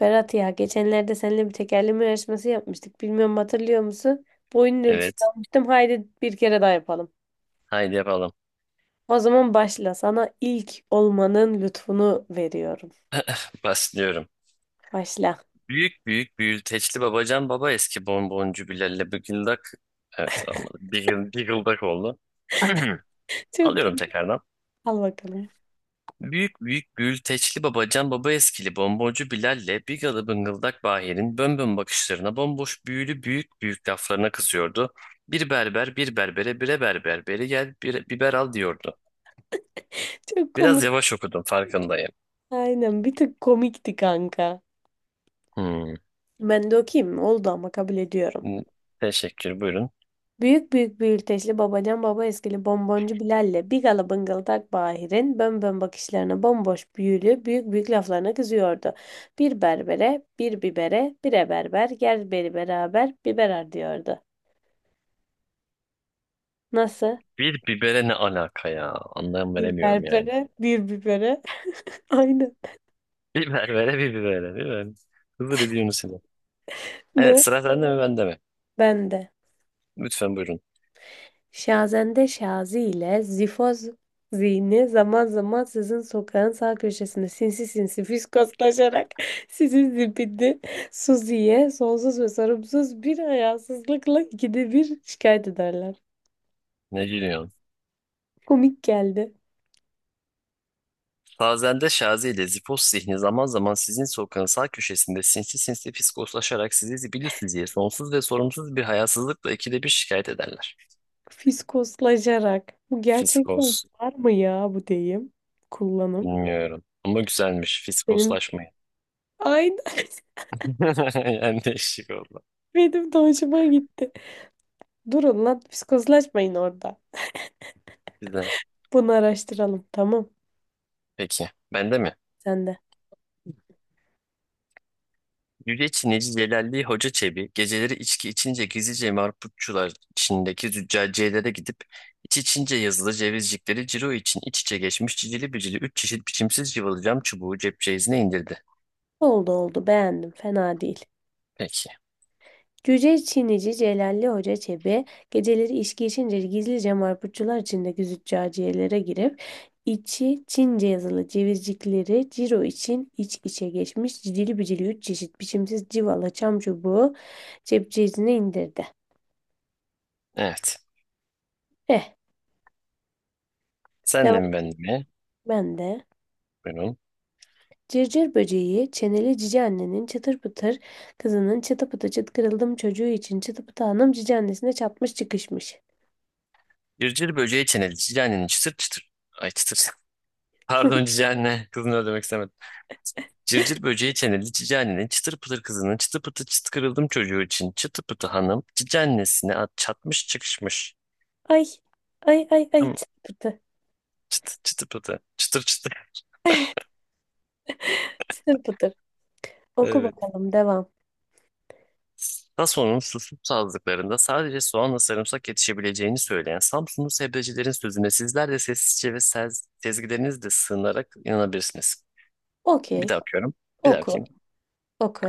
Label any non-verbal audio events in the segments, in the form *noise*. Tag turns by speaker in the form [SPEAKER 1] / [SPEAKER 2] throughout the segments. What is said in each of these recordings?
[SPEAKER 1] Berat ya geçenlerde seninle bir tekerleme yarışması yapmıştık. Bilmiyorum hatırlıyor musun? Boyunun ölçüsünü
[SPEAKER 2] Evet.
[SPEAKER 1] almıştım. Haydi bir kere daha yapalım.
[SPEAKER 2] Haydi yapalım.
[SPEAKER 1] O zaman başla. Sana ilk olmanın lütfunu veriyorum.
[SPEAKER 2] Başlıyorum.
[SPEAKER 1] Başla.
[SPEAKER 2] Büyük büyük büyülteçli babacan baba eski bonboncu Bilal'le bıgıldak. Evet olmadı. Bigıl, bigıldak oldu. *clears throat*
[SPEAKER 1] *laughs* Çok
[SPEAKER 2] Alıyorum
[SPEAKER 1] komik.
[SPEAKER 2] tekrardan.
[SPEAKER 1] Al bakalım.
[SPEAKER 2] Büyük büyük büyülteçli babacan baba eskili bonboncu Bilal'le bigalı bıngıldak Bahir'in bönbön bakışlarına bomboş büyülü büyük büyük laflarına kızıyordu. Bir berber bir berbere bire berber beri gel bir biber al diyordu.
[SPEAKER 1] Çok
[SPEAKER 2] Biraz
[SPEAKER 1] komik.
[SPEAKER 2] yavaş okudum farkındayım.
[SPEAKER 1] Aynen bir tık komikti kanka.
[SPEAKER 2] Hmm.
[SPEAKER 1] Ben de okuyayım mı? Oldu ama kabul ediyorum.
[SPEAKER 2] Teşekkür buyurun.
[SPEAKER 1] Büyük büyük büyülteçli babacan baba eskili bonboncu Bilal'le bigala bıngal tak Bahir'in bönbön bakışlarına bomboş büyülü büyük büyük laflarına kızıyordu. Bir berbere, bir bibere, bire berber, gel beri beraber biberer diyordu. Nasıl?
[SPEAKER 2] Bir bibere ne alaka ya? Anlam
[SPEAKER 1] Bir
[SPEAKER 2] veremiyorum yani.
[SPEAKER 1] berbere, bir bibere. *laughs* Aynen.
[SPEAKER 2] *laughs* Biber vere bir bibere. Biber. Hızır ediyorsun seni. Evet,
[SPEAKER 1] Ne?
[SPEAKER 2] sıra sende mi bende mi?
[SPEAKER 1] Ben de.
[SPEAKER 2] Lütfen buyurun.
[SPEAKER 1] Şazende Şazi ile Zifoz Zihni zaman zaman sizin sokağın sağ köşesinde sinsi sinsi fiskoslaşarak *laughs* sizin zibidi Suzi'ye sonsuz ve sorumsuz bir hayasızlıkla ikide bir şikayet ederler.
[SPEAKER 2] Ne gülüyorsun?
[SPEAKER 1] Komik geldi.
[SPEAKER 2] Fazende Şazi ile Zipos zihni zaman zaman sizin sokağın sağ köşesinde sinsi sinsi fiskoslaşarak sizi zibilüs sonsuz ve sorumsuz bir hayasızlıkla ikide bir şikayet ederler.
[SPEAKER 1] Fiskoslaşarak. Bu gerçekten
[SPEAKER 2] Fiskos.
[SPEAKER 1] var mı ya bu deyim? Kullanım.
[SPEAKER 2] Bilmiyorum. Ama güzelmiş.
[SPEAKER 1] Benim
[SPEAKER 2] Fiskoslaşmayın.
[SPEAKER 1] aynen
[SPEAKER 2] *laughs* Yani değişik oldu.
[SPEAKER 1] *laughs* benim de hoşuma gitti. Durun lan fiskoslaşmayın orada.
[SPEAKER 2] Güzel.
[SPEAKER 1] Bunu araştıralım tamam.
[SPEAKER 2] Peki. Bende mi?
[SPEAKER 1] Sen de.
[SPEAKER 2] Yüce Çinici Celalli Hoca Çebi geceleri içki içince gizlice marputçular Çin'deki züccaciyelere gidip iç içince yazılı cevizcikleri ciro için iç içe geçmiş cicili bicili üç çeşit biçimsiz cıvalı cam çubuğu cep ceyizine indirdi.
[SPEAKER 1] Oldu oldu beğendim fena değil.
[SPEAKER 2] Peki.
[SPEAKER 1] Cüce Çinici Celalli Hoca Çebi geceleri içki içince gizlice marputçular içindeki züccaciyelere girip içi Çince yazılı cevizcikleri ciro için iç içe geçmiş cicili bicili üç çeşit biçimsiz civala çam çubuğu cepçesine indirdi.
[SPEAKER 2] Evet.
[SPEAKER 1] Eh
[SPEAKER 2] Senle mi
[SPEAKER 1] devam
[SPEAKER 2] ben mi?
[SPEAKER 1] ben de.
[SPEAKER 2] Buyurun.
[SPEAKER 1] Cırcır böceği çeneli cici annenin çıtır pıtır kızının çıtı pıtı çıt kırıldım çocuğu için çıtı pıtı hanım cici annesine çatmış çıkışmış.
[SPEAKER 2] Cırcır böceği çeneli cicanenin çıtır çıtır. Ay çıtır. *laughs* Pardon cicane. Kızını öldürmek istemedim. Cırcır böceği çeneli cicanenin çıtır pıtır kızının çıtı pıtı çıt kırıldım çocuğu için çıtı pıtı hanım cicanesine at çatmış çıkışmış.
[SPEAKER 1] Ay, ay, ay, ay,
[SPEAKER 2] Tamam.
[SPEAKER 1] çıtır pıtır,
[SPEAKER 2] Çıtı çıtı pıtı. Çıtır çıtır. *laughs*
[SPEAKER 1] çıtır pıtır. Oku
[SPEAKER 2] Evet.
[SPEAKER 1] bakalım, devam.
[SPEAKER 2] TASO'nun susuz sazlıklarında sadece soğanla sarımsak yetişebileceğini söyleyen Samsunlu sebzecilerin sözüne sizler de sessizce ve sezgilerinizle sığınarak inanabilirsiniz. Bir
[SPEAKER 1] Okey,
[SPEAKER 2] daha okuyorum. Bir daha
[SPEAKER 1] oku,
[SPEAKER 2] okuyayım.
[SPEAKER 1] oku.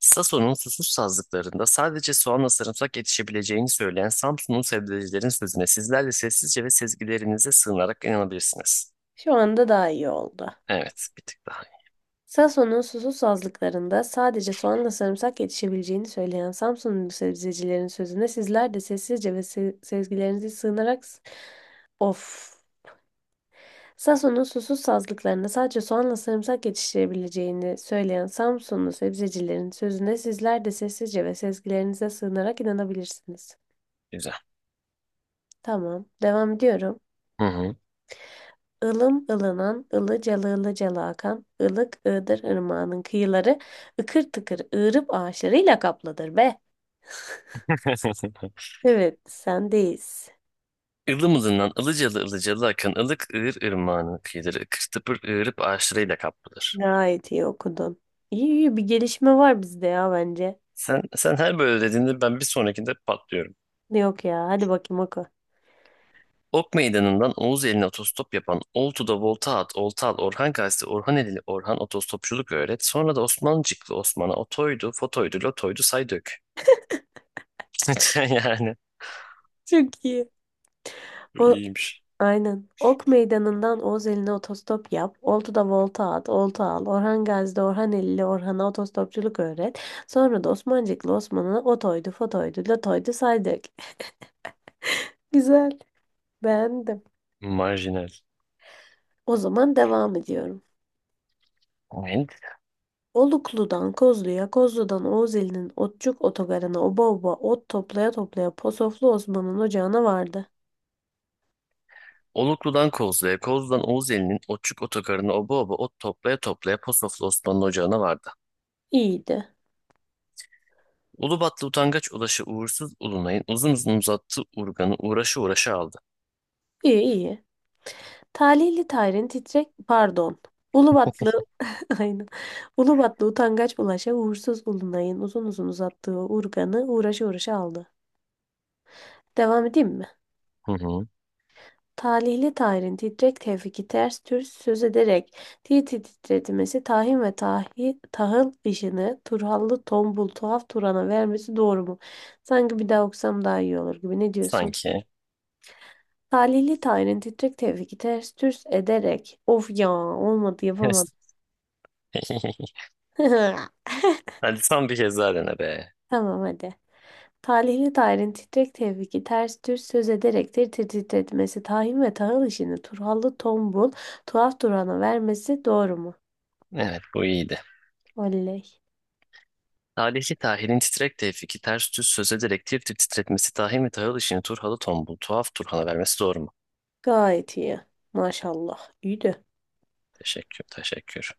[SPEAKER 2] Sason'un susuz sazlıklarında sadece soğanla sarımsak yetişebileceğini söyleyen Samsunlu sebzecilerin sözüne sizler de sessizce ve sezgilerinize sığınarak inanabilirsiniz.
[SPEAKER 1] Şu anda daha iyi oldu.
[SPEAKER 2] Evet, bir tık daha iyi.
[SPEAKER 1] Sason'un susuz sazlıklarında sadece soğanla sarımsak yetişebileceğini söyleyen Samsunlu sebzecilerin sözüne sizler de sessizce ve sezgilerinize sığınarak... Of. Sason'un susuz sazlıklarında sadece soğanla sarımsak yetiştirebileceğini söyleyen Samsunlu sebzecilerin sözüne sizler de sessizce ve sezgilerinize sığınarak inanabilirsiniz.
[SPEAKER 2] Güzel.
[SPEAKER 1] Tamam. Devam ediyorum.
[SPEAKER 2] Hı hı.
[SPEAKER 1] Ilım ılınan, ılıcalı ılıcalı akan, ılık ığdır ırmağının kıyıları, ıkır tıkır ığırıp ağaçlarıyla kaplıdır be.
[SPEAKER 2] *laughs*
[SPEAKER 1] Evet, sendeyiz.
[SPEAKER 2] Ilımızından ılıcalı ılıcalı akan ılık ığır ırmağının kıyıları ıkır tıpır ığırıp ağaçlarıyla kaplıdır.
[SPEAKER 1] Gayet iyi okudun. İyi iyi bir gelişme var bizde ya bence.
[SPEAKER 2] Sen her böyle dediğinde ben bir sonrakinde patlıyorum.
[SPEAKER 1] Yok ya, hadi bakayım oku.
[SPEAKER 2] Ok meydanından Oğuz eline otostop yapan Oltu'da volta at, olta al, Orhan Gazi, Orhan Edili, Orhan otostopçuluk öğret. Sonra da Osmancıklı Osman'a otoydu, fotoydu, lotoydu say dök. *laughs* Yani
[SPEAKER 1] Çok iyi.
[SPEAKER 2] bu
[SPEAKER 1] O,
[SPEAKER 2] iyiymiş.
[SPEAKER 1] Aynen. Ok Meydanı'ndan Oğuz eline otostop yap. Oltu'da volta at, olta al. Orhan Gazi'de Orhan Eli'li Orhan'a otostopçuluk öğret. Sonra da Osmancıklı Osman'a otoydu, fotoydu, latoydu saydık. *laughs* Güzel. Beğendim.
[SPEAKER 2] Marjinal.
[SPEAKER 1] O zaman devam ediyorum.
[SPEAKER 2] Evet.
[SPEAKER 1] Oluklu'dan Kozlu'ya, Kozlu'dan Oğuz Otçuk Otogarı'na oba oba ot toplaya toplaya Posoflu Osman'ın ocağına vardı.
[SPEAKER 2] Oluklu'dan Kozlu'ya, Kozlu'dan Oğuz elinin Otçuk otogarına oba oba ot toplaya toplaya Posoflu Osman'ın ocağına vardı.
[SPEAKER 1] İyiydi.
[SPEAKER 2] Ulubatlı utangaç ulaşı uğursuz ulunayın uzun uzun uzattı urganı uğraşı uğraşı aldı.
[SPEAKER 1] İyi iyi. Talihli Tahir'in titrek pardon. Ulubatlı *laughs* aynen. Ulubatlı utangaç bulaşa uğursuz Ulunay'ın uzun uzun uzattığı urganı uğraşa uğraşa aldı. Devam edeyim mi?
[SPEAKER 2] Hı hı.
[SPEAKER 1] Talihli Tahir'in titrek tevfiki ters türs söz ederek titretmesi tahin ve tahıl işini turhallı tombul tuhaf Turan'a vermesi doğru mu? Sanki bir daha okusam daha iyi olur gibi ne diyorsun?
[SPEAKER 2] Sanki.
[SPEAKER 1] Talihli Tahir'in titrek tevfiki ters türs ederek of ya olmadı yapamadım.
[SPEAKER 2] *laughs*
[SPEAKER 1] *laughs*
[SPEAKER 2] Hadi son bir kez daha dene be.
[SPEAKER 1] Tamam hadi. Talihli dairin titrek tevfiki ters düz söz ederektir titretmesi tahin ve tahıl işini turhallı tombul tuhaf durana vermesi doğru mu?
[SPEAKER 2] Evet, bu iyiydi.
[SPEAKER 1] Oley.
[SPEAKER 2] Talihli Tahir'in titrek tevfiki ters düz söz ederek tir tir titretmesi Tahir ve Tahıl işini Turhalı tombul tuhaf Turhan'a vermesi doğru mu?
[SPEAKER 1] Gayet iyi. Maşallah. İyi de.
[SPEAKER 2] Teşekkür teşekkür.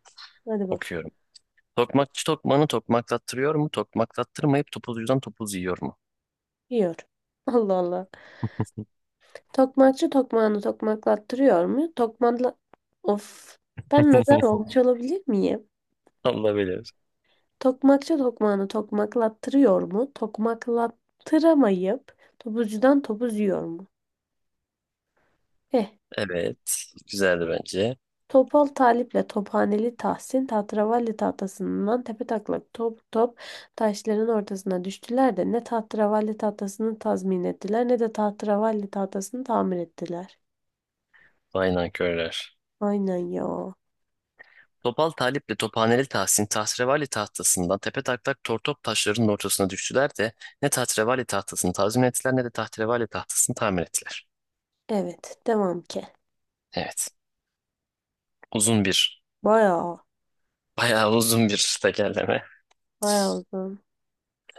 [SPEAKER 1] Hadi bakalım.
[SPEAKER 2] Okuyorum. Tokmakçı tokmanı tokmaklattırıyor mu? Tokmaklattırmayıp topuzcudan topuz yiyor mu?
[SPEAKER 1] Yiyor. *laughs* Allah Allah. Tokmakçı tokmağını tokmaklattırıyor mu? Of. Ben nazar
[SPEAKER 2] *laughs*
[SPEAKER 1] olmuş olabilir miyim?
[SPEAKER 2] Allah bilir.
[SPEAKER 1] Tokmakçı tokmağını tokmaklattırıyor mu? Tokmaklattıramayıp topuzcudan topuz yiyor mu? Eh.
[SPEAKER 2] Evet. Güzeldi bence.
[SPEAKER 1] Topal Talip'le Tophaneli Tahsin tahterevalli tahtasından tepetaklak top top taşların ortasına düştüler de ne tahterevalli tahtasını tazmin ettiler ne de tahterevalli tahtasını tamir ettiler.
[SPEAKER 2] Vay nankörler.
[SPEAKER 1] Aynen ya.
[SPEAKER 2] Topal Talip'le Tophaneli Tahsin tahrevali tahtasından tepe taklak tortop taşlarının ortasına düştüler de ne tahrevali tahtasını tazmin ettiler ne de tahrevali tahtasını tamir ettiler.
[SPEAKER 1] Evet devam ki.
[SPEAKER 2] Evet. Uzun bir,
[SPEAKER 1] Bayağı
[SPEAKER 2] bayağı uzun bir tekerleme.
[SPEAKER 1] bayağı uzun.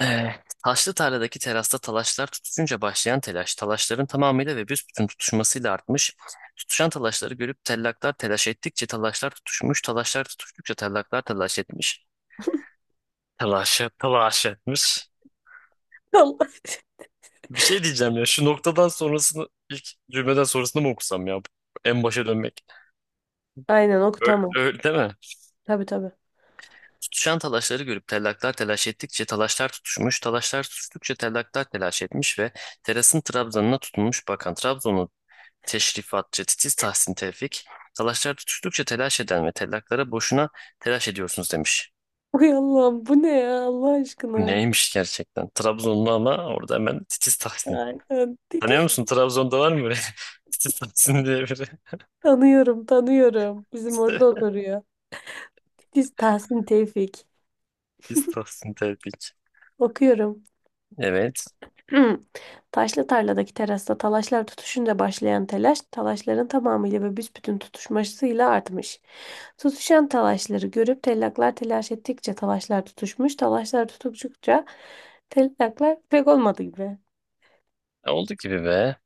[SPEAKER 2] Eh, taşlı tarladaki terasta talaşlar tutuşunca başlayan telaş, talaşların tamamıyla ve büsbütün tutuşmasıyla artmış. Tutuşan talaşları görüp tellaklar telaş ettikçe talaşlar tutuşmuş, talaşlar tutuştukça tellaklar telaş etmiş. Telaş etmiş.
[SPEAKER 1] Allah.
[SPEAKER 2] Bir şey diyeceğim ya şu noktadan sonrasını ilk cümleden sonrasını mı okusam ya? En başa dönmek.
[SPEAKER 1] *laughs* Aynen
[SPEAKER 2] Öyle,
[SPEAKER 1] okutamam.
[SPEAKER 2] öyle değil mi?
[SPEAKER 1] Tabii tabii.
[SPEAKER 2] Tutuşan talaşları görüp tellaklar telaş ettikçe talaşlar tutuşmuş, talaşlar tutuştukça tellaklar telaş etmiş ve terasın trabzanına tutunmuş bakan Trabzonlu teşrifatçı titiz Tahsin Tevfik, talaşlar tutuştukça telaş eden ve tellaklara boşuna telaş ediyorsunuz demiş.
[SPEAKER 1] Uy Allah'ım bu ne ya Allah
[SPEAKER 2] Bu
[SPEAKER 1] aşkına.
[SPEAKER 2] neymiş gerçekten? Trabzonlu ama orada hemen titiz Tahsin.
[SPEAKER 1] Aynen.
[SPEAKER 2] Tanıyor
[SPEAKER 1] Titiz
[SPEAKER 2] musun? Trabzon'da var mı böyle *laughs* titiz Tahsin diye biri?
[SPEAKER 1] tanıyorum tanıyorum. Bizim orada
[SPEAKER 2] *laughs*
[SPEAKER 1] oturuyor. Titiz Tahsin Tevfik.
[SPEAKER 2] Biz Tahsin Tevfik.
[SPEAKER 1] Okuyorum.
[SPEAKER 2] Evet.
[SPEAKER 1] *clears throat* Hmm. Taşlı tarladaki terasta talaşlar tutuşunca başlayan telaş, talaşların tamamıyla ve büsbütün tutuşmasıyla artmış. Tutuşan talaşları görüp tellaklar telaş ettikçe talaşlar tutuşmuş, talaşlar tutukçukça tellaklar pek olmadı gibi.
[SPEAKER 2] E, oldu gibi be.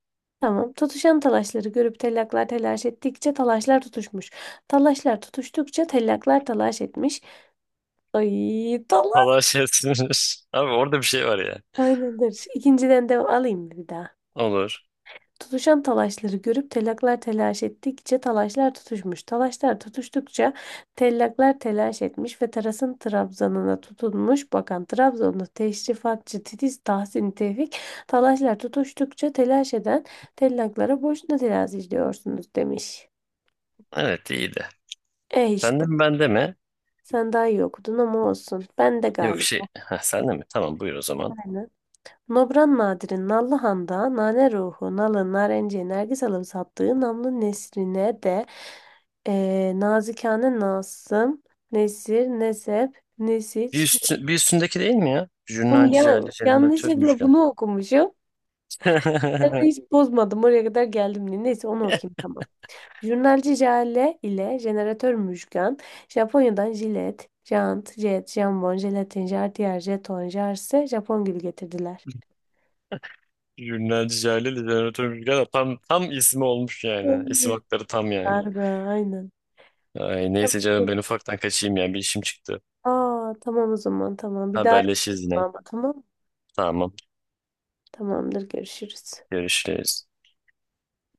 [SPEAKER 1] Tamam. Tutuşan talaşları görüp tellaklar telaş ettikçe talaşlar tutuşmuş. Talaşlar tutuştukça tellaklar talaş etmiş. Ay talaş.
[SPEAKER 2] Allah şey sinir. *laughs* Abi orada bir şey var ya.
[SPEAKER 1] Aynıdır. İkinciden devam alayım mı bir daha?
[SPEAKER 2] Olur.
[SPEAKER 1] Tutuşan talaşları görüp tellaklar telaş ettikçe talaşlar tutuşmuş. Talaşlar tutuştukça tellaklar telaş etmiş ve terasın trabzanına tutunmuş. Bakan Trabzonlu teşrifatçı Titiz Tahsin Tevfik talaşlar tutuştukça telaş eden tellaklara boşuna terazi izliyorsunuz demiş.
[SPEAKER 2] Evet, iyiydi.
[SPEAKER 1] E
[SPEAKER 2] Sende
[SPEAKER 1] işte
[SPEAKER 2] mi bende mi?
[SPEAKER 1] sen daha iyi okudun ama olsun. Ben de
[SPEAKER 2] Yok
[SPEAKER 1] galip.
[SPEAKER 2] şey. Ha, sende mi? Tamam, buyur o zaman.
[SPEAKER 1] Nobran Nadir'in Nallıhan'da nane ruhu, nalı, narenciye, nergis alıp sattığı namlı nesrine de nazikane nasım, nesir, nesep, nesiç.
[SPEAKER 2] Bir üstündeki değil mi ya?
[SPEAKER 1] Bunu
[SPEAKER 2] Jurnalci
[SPEAKER 1] ya,
[SPEAKER 2] Cale Jeneratör
[SPEAKER 1] yanlışlıkla
[SPEAKER 2] Müjgan.
[SPEAKER 1] bunu okumuşum. Ben de
[SPEAKER 2] *laughs*
[SPEAKER 1] hiç bozmadım. Oraya kadar geldim diye. Neyse onu okuyayım tamam. Jurnalci Jale ile jeneratör Müşkan, Japonya'dan jilet, jant, jet, jambon, jelatin, jartiyer, jeton, jarse, Japon gülü getirdiler.
[SPEAKER 2] Jurnalci Cale Jeneratör Müjgan. Tam ismi olmuş yani. İsim hakları tam yani.
[SPEAKER 1] Darbe, aynen.
[SPEAKER 2] Ay, neyse canım ben ufaktan kaçayım ya. Bir işim çıktı.
[SPEAKER 1] Aa tamam o zaman tamam. Bir daha
[SPEAKER 2] Haberleşiriz yine.
[SPEAKER 1] yapalım ama tamam.
[SPEAKER 2] Tamam.
[SPEAKER 1] Tamamdır görüşürüz.
[SPEAKER 2] Görüşürüz.